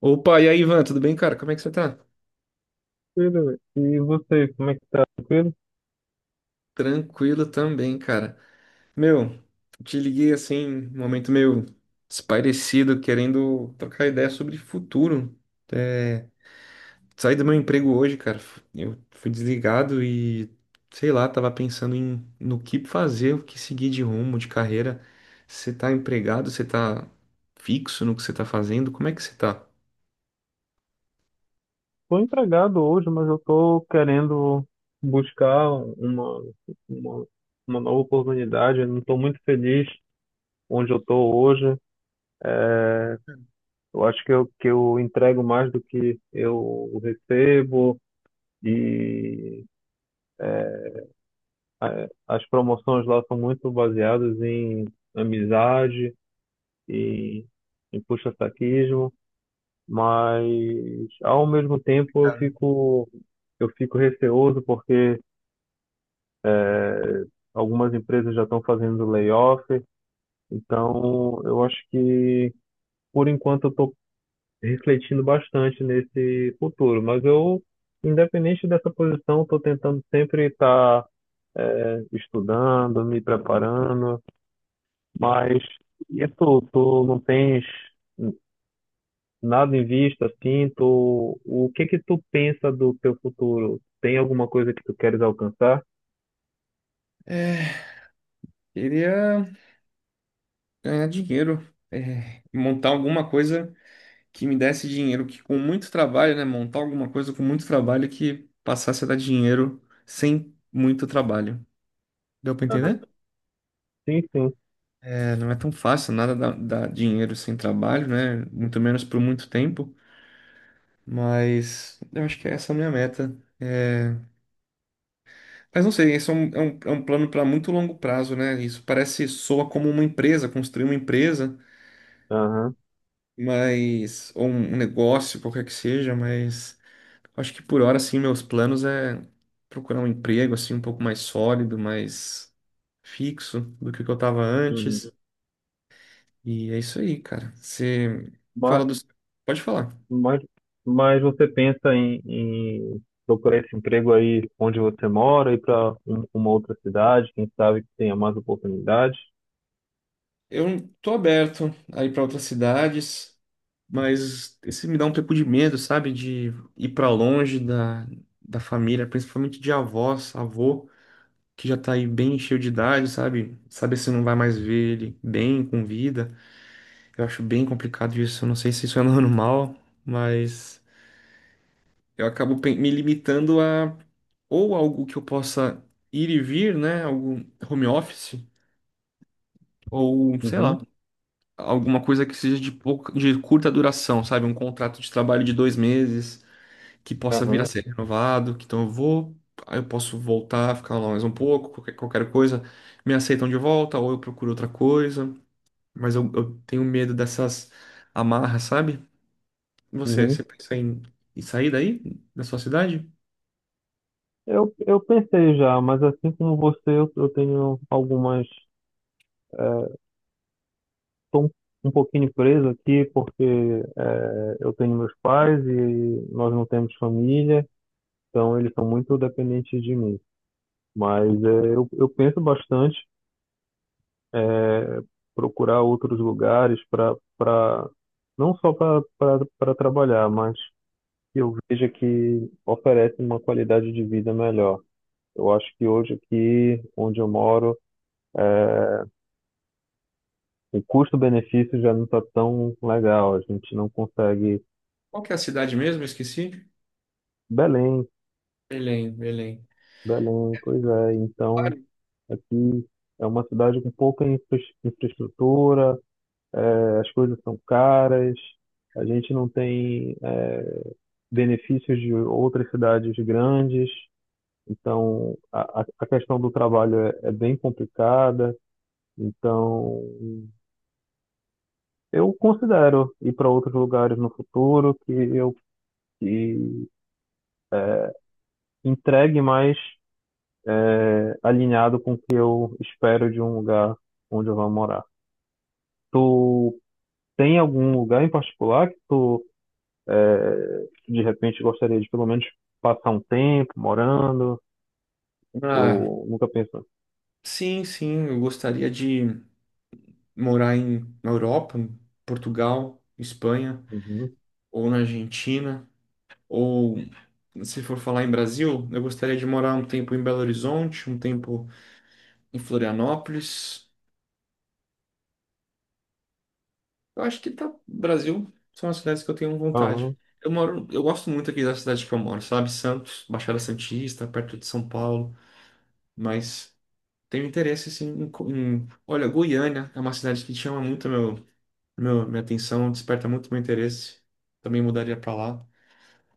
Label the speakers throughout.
Speaker 1: Opa, e aí, Ivan, tudo bem, cara? Como é que você tá?
Speaker 2: Tranquilo. E você, como é que tá? Tranquilo?
Speaker 1: Tranquilo também, cara. Meu, te liguei assim, num momento meio desparecido, querendo trocar ideia sobre futuro. É, saí do meu emprego hoje, cara. Eu fui desligado e, sei lá, tava pensando em no que fazer, o que seguir de rumo, de carreira. Você tá empregado, você tá fixo no que você tá fazendo? Como é que você tá?
Speaker 2: Tô empregado hoje, mas eu tô querendo buscar uma, uma, uma nova oportunidade. Eu não tô muito feliz onde eu tô hoje. Eu acho que eu entrego mais do que eu recebo e as promoções lá são muito baseadas em amizade e em puxa-saquismo. Mas ao mesmo tempo eu
Speaker 1: Cara,
Speaker 2: fico eu fico receoso porque algumas empresas já estão fazendo layoff, então eu acho que por enquanto eu estou refletindo bastante nesse futuro, mas eu, independente dessa posição, estou tentando sempre estar estudando, me preparando. Mas e tu não tens nada em vista, assim? Tu, o que que tu pensa do teu futuro? Tem alguma coisa que tu queres alcançar?
Speaker 1: queria ganhar dinheiro, é, montar alguma coisa que me desse dinheiro, que com muito trabalho, né, montar alguma coisa com muito trabalho que passasse a dar dinheiro sem muito trabalho. Deu para
Speaker 2: Aham.
Speaker 1: entender?
Speaker 2: Sim, sim.
Speaker 1: É, não é tão fácil, nada dá dinheiro sem trabalho, né? Muito menos por muito tempo, mas eu acho que essa é a minha meta. É, mas não sei, esse é um plano para muito longo prazo, né? Isso parece, soa como uma empresa, construir uma empresa,
Speaker 2: Aham.
Speaker 1: mas, ou um negócio, qualquer que seja, mas acho que por hora, assim, meus planos é procurar um emprego, assim, um pouco mais sólido, mais fixo do que o que eu tava
Speaker 2: Uhum.
Speaker 1: antes. E é isso aí, cara. Você fala
Speaker 2: Mas,
Speaker 1: dos... Pode falar.
Speaker 2: mas, mas você pensa em, procurar esse emprego aí onde você mora, ir para uma outra cidade, quem sabe que tenha mais oportunidades?
Speaker 1: Eu tô aberto a ir pra outras cidades, mas esse me dá um pouco de medo, sabe? De ir pra longe da, da família, principalmente de avós, avô, que já tá aí bem cheio de idade, sabe? Saber se não vai mais ver ele bem, com vida. Eu acho bem complicado isso. Eu não sei se isso é normal, mas eu acabo me limitando a ou algo que eu possa ir e vir, né? Algo home office, ou sei
Speaker 2: Uhum.
Speaker 1: lá, alguma coisa que seja de pouca, de curta duração, sabe? Um contrato de trabalho de 2 meses que possa vir a
Speaker 2: Aham.
Speaker 1: ser renovado. Que Então eu vou, aí eu posso voltar, ficar lá mais um pouco, qualquer, qualquer coisa, me aceitam de volta, ou eu procuro outra coisa. Mas eu tenho medo dessas amarras, sabe? Você,
Speaker 2: Uhum.
Speaker 1: você pensa em, em sair daí, da sua cidade?
Speaker 2: Eu pensei já, mas assim como você, eu tenho algumas estou um pouquinho preso aqui porque eu tenho meus pais e nós não temos família, então eles são muito dependentes de mim. Mas eu penso bastante, é, procurar outros lugares para não só para trabalhar, mas que eu veja que oferece uma qualidade de vida melhor. Eu acho que hoje aqui onde eu moro, é, o custo-benefício já não está tão legal. A gente não consegue.
Speaker 1: Qual que é a cidade mesmo? Eu esqueci.
Speaker 2: Belém.
Speaker 1: Belém, Belém.
Speaker 2: Belém, pois é. Então,
Speaker 1: Vale.
Speaker 2: aqui é uma cidade com pouca infraestrutura, as coisas são caras, a gente não tem, benefícios de outras cidades grandes, então a questão do trabalho é bem complicada. Então, eu considero ir para outros lugares no futuro que entregue mais, alinhado com o que eu espero de um lugar onde eu vou morar. Tu tem algum lugar em particular que tu, de repente, gostaria de pelo menos passar um tempo morando?
Speaker 1: Ah,
Speaker 2: Ou nunca pensou?
Speaker 1: sim, sim, eu gostaria de morar em, na Europa, em Portugal, Espanha,
Speaker 2: Uhum.
Speaker 1: ou na Argentina, ou se for falar em Brasil, eu gostaria de morar um tempo em Belo Horizonte, um tempo em Florianópolis. Eu acho que tá. Brasil são as cidades que eu tenho vontade.
Speaker 2: Aham.
Speaker 1: Eu moro, eu gosto muito aqui da cidade que eu moro, sabe? Santos, Baixada Santista, perto de São Paulo, mas tenho interesse assim em, olha, Goiânia é uma cidade que chama muito meu, minha atenção, desperta muito meu interesse. Também mudaria para lá.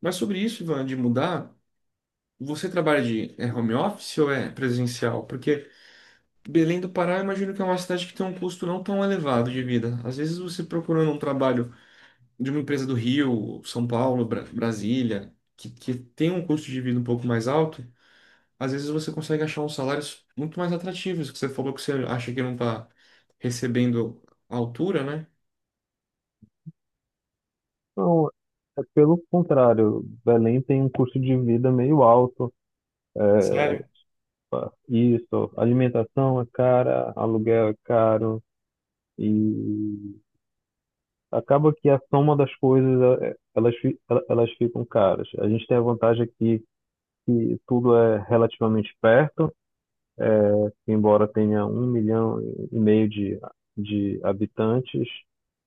Speaker 1: Mas sobre isso, Ivan, de mudar, você trabalha de home office ou é presencial? Porque Belém do Pará, eu imagino que é uma cidade que tem um custo não tão elevado de vida. Às vezes você procurando um trabalho de uma empresa do Rio, São Paulo, Brasília, que tem um custo de vida um pouco mais alto, às vezes você consegue achar uns salários muito mais atrativos, que você falou que você acha que não está recebendo a altura, né?
Speaker 2: Não, é pelo contrário. Belém tem um custo de vida meio alto. eh,
Speaker 1: Sério?
Speaker 2: Isso, alimentação é cara, aluguel é caro e acaba que a soma das coisas elas ficam caras. A gente tem a vantagem aqui que tudo é relativamente perto, embora tenha 1,5 milhão de habitantes.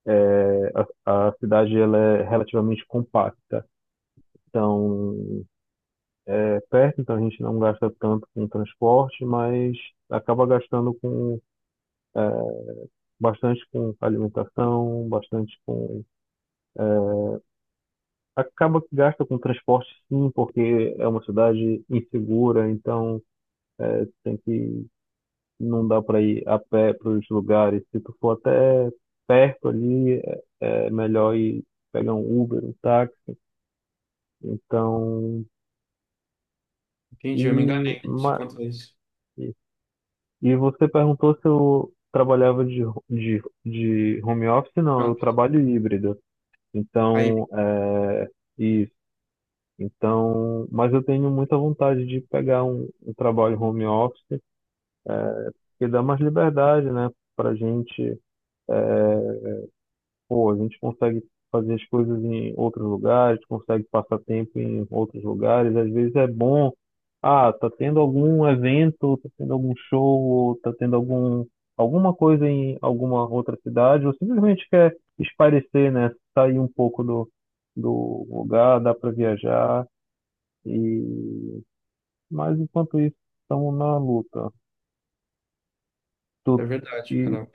Speaker 2: é, a cidade ela é relativamente compacta. Então, é perto, então a gente não gasta tanto com transporte, mas acaba gastando com, é, bastante com alimentação, bastante com, é, acaba que gasta com transporte sim, porque é uma cidade insegura, então é, tem que não dá para ir a pé para os lugares. Se tu for até perto ali, é melhor ir pegar um Uber, um táxi. Então,
Speaker 1: Entendi, eu me
Speaker 2: e,
Speaker 1: enganei isso,
Speaker 2: ma-
Speaker 1: quanto a isso.
Speaker 2: e e você perguntou se eu trabalhava de, de home office? Não,
Speaker 1: Não,
Speaker 2: eu trabalho híbrido.
Speaker 1: aí,
Speaker 2: Então, isso. Então, mas eu tenho muita vontade de pegar um trabalho home office, que dá mais liberdade, né, para gente. Pô, a gente consegue fazer as coisas em outros lugares, consegue passar tempo em outros lugares. Às vezes é bom, ah, tá tendo algum evento, tá tendo algum show, ou tá tendo alguma coisa em alguma outra cidade, ou simplesmente quer espairecer, né? Sair um pouco do lugar, dá para viajar. E... Mas enquanto isso, estamos na luta. Tu,
Speaker 1: é verdade,
Speaker 2: e
Speaker 1: cara.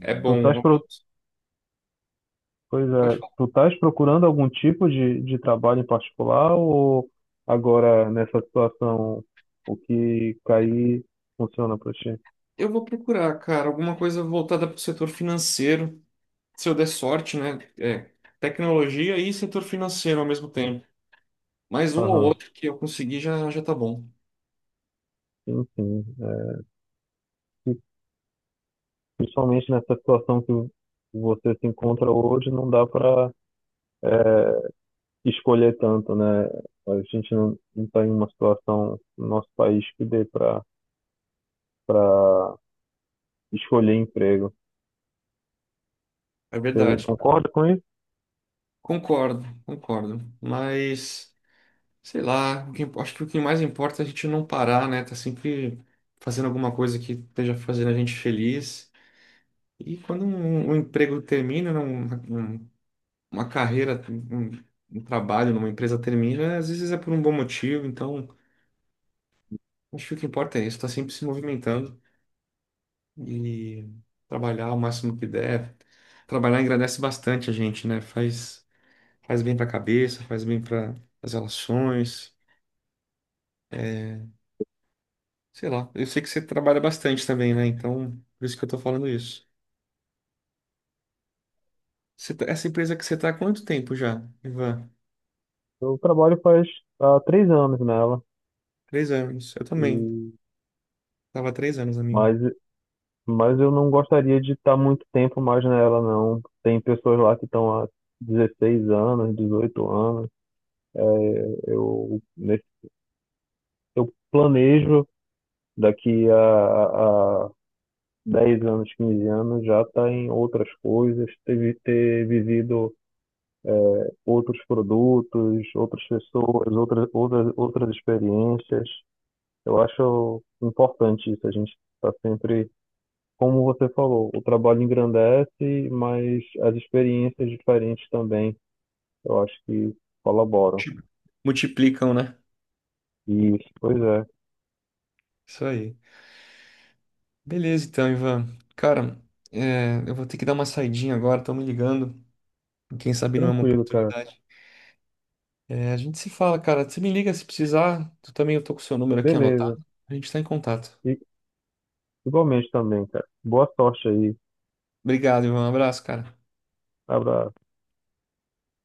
Speaker 1: É
Speaker 2: tu
Speaker 1: bom,
Speaker 2: estás
Speaker 1: home office.
Speaker 2: Pois
Speaker 1: Pode
Speaker 2: é,
Speaker 1: falar.
Speaker 2: tu estás procurando algum tipo de trabalho em particular, ou agora nessa situação o que cair funciona para ti?
Speaker 1: Eu vou procurar, cara, alguma coisa voltada para o setor financeiro, se eu der sorte, né? É, tecnologia e setor financeiro ao mesmo tempo. Mais um ou
Speaker 2: Aham,
Speaker 1: outro que eu conseguir já, já tá bom.
Speaker 2: sim, sim. E principalmente nessa situação que você se encontra hoje, não dá para escolher tanto, né? A gente não está em uma situação no nosso país que dê para para escolher emprego.
Speaker 1: É
Speaker 2: Você
Speaker 1: verdade.
Speaker 2: concorda com isso?
Speaker 1: Concordo, concordo. Mas, sei lá, o que acho que o que mais importa é a gente não parar, né? Tá sempre fazendo alguma coisa que esteja fazendo a gente feliz. E quando um emprego termina, né, uma carreira, um trabalho numa empresa termina, às vezes é por um bom motivo. Então, acho que o que importa é isso, tá sempre se movimentando e trabalhar o máximo que der. Trabalhar engrandece bastante a gente, né? Faz. Faz bem pra cabeça, faz bem para as relações. É, sei lá. Eu sei que você trabalha bastante também, né? Então, por isso que eu tô falando isso. Essa empresa que você tá há quanto tempo já, Ivan?
Speaker 2: Eu trabalho faz há 3 anos nela,
Speaker 1: 3 anos. Eu
Speaker 2: e,
Speaker 1: também. Tava há 3 anos a minha.
Speaker 2: mas Mas eu não gostaria de estar muito tempo mais nela, não. Tem pessoas lá que estão há 16 anos, 18 anos. É, Eu, nesse, eu planejo daqui a 10 anos, 15 anos, já estar em outras coisas, ter vivido, é, outros produtos, outras pessoas, outras experiências. Eu acho importante isso. A gente está sempre, como você falou, o trabalho engrandece, mas as experiências diferentes também, eu acho que colaboram.
Speaker 1: Multi- Multiplicam, né?
Speaker 2: Isso, pois é.
Speaker 1: Isso aí. Beleza, então, Ivan. Cara, é, eu vou ter que dar uma saidinha agora, estão me ligando. Quem sabe não é uma
Speaker 2: Tranquilo, cara.
Speaker 1: oportunidade. É, a gente se fala, cara. Você me liga se precisar. Tu também, eu tô com o seu número aqui
Speaker 2: Beleza.
Speaker 1: anotado. A gente tá em contato.
Speaker 2: E igualmente também, cara. Boa sorte aí.
Speaker 1: Obrigado, Ivan. Um abraço, cara.
Speaker 2: Abraço.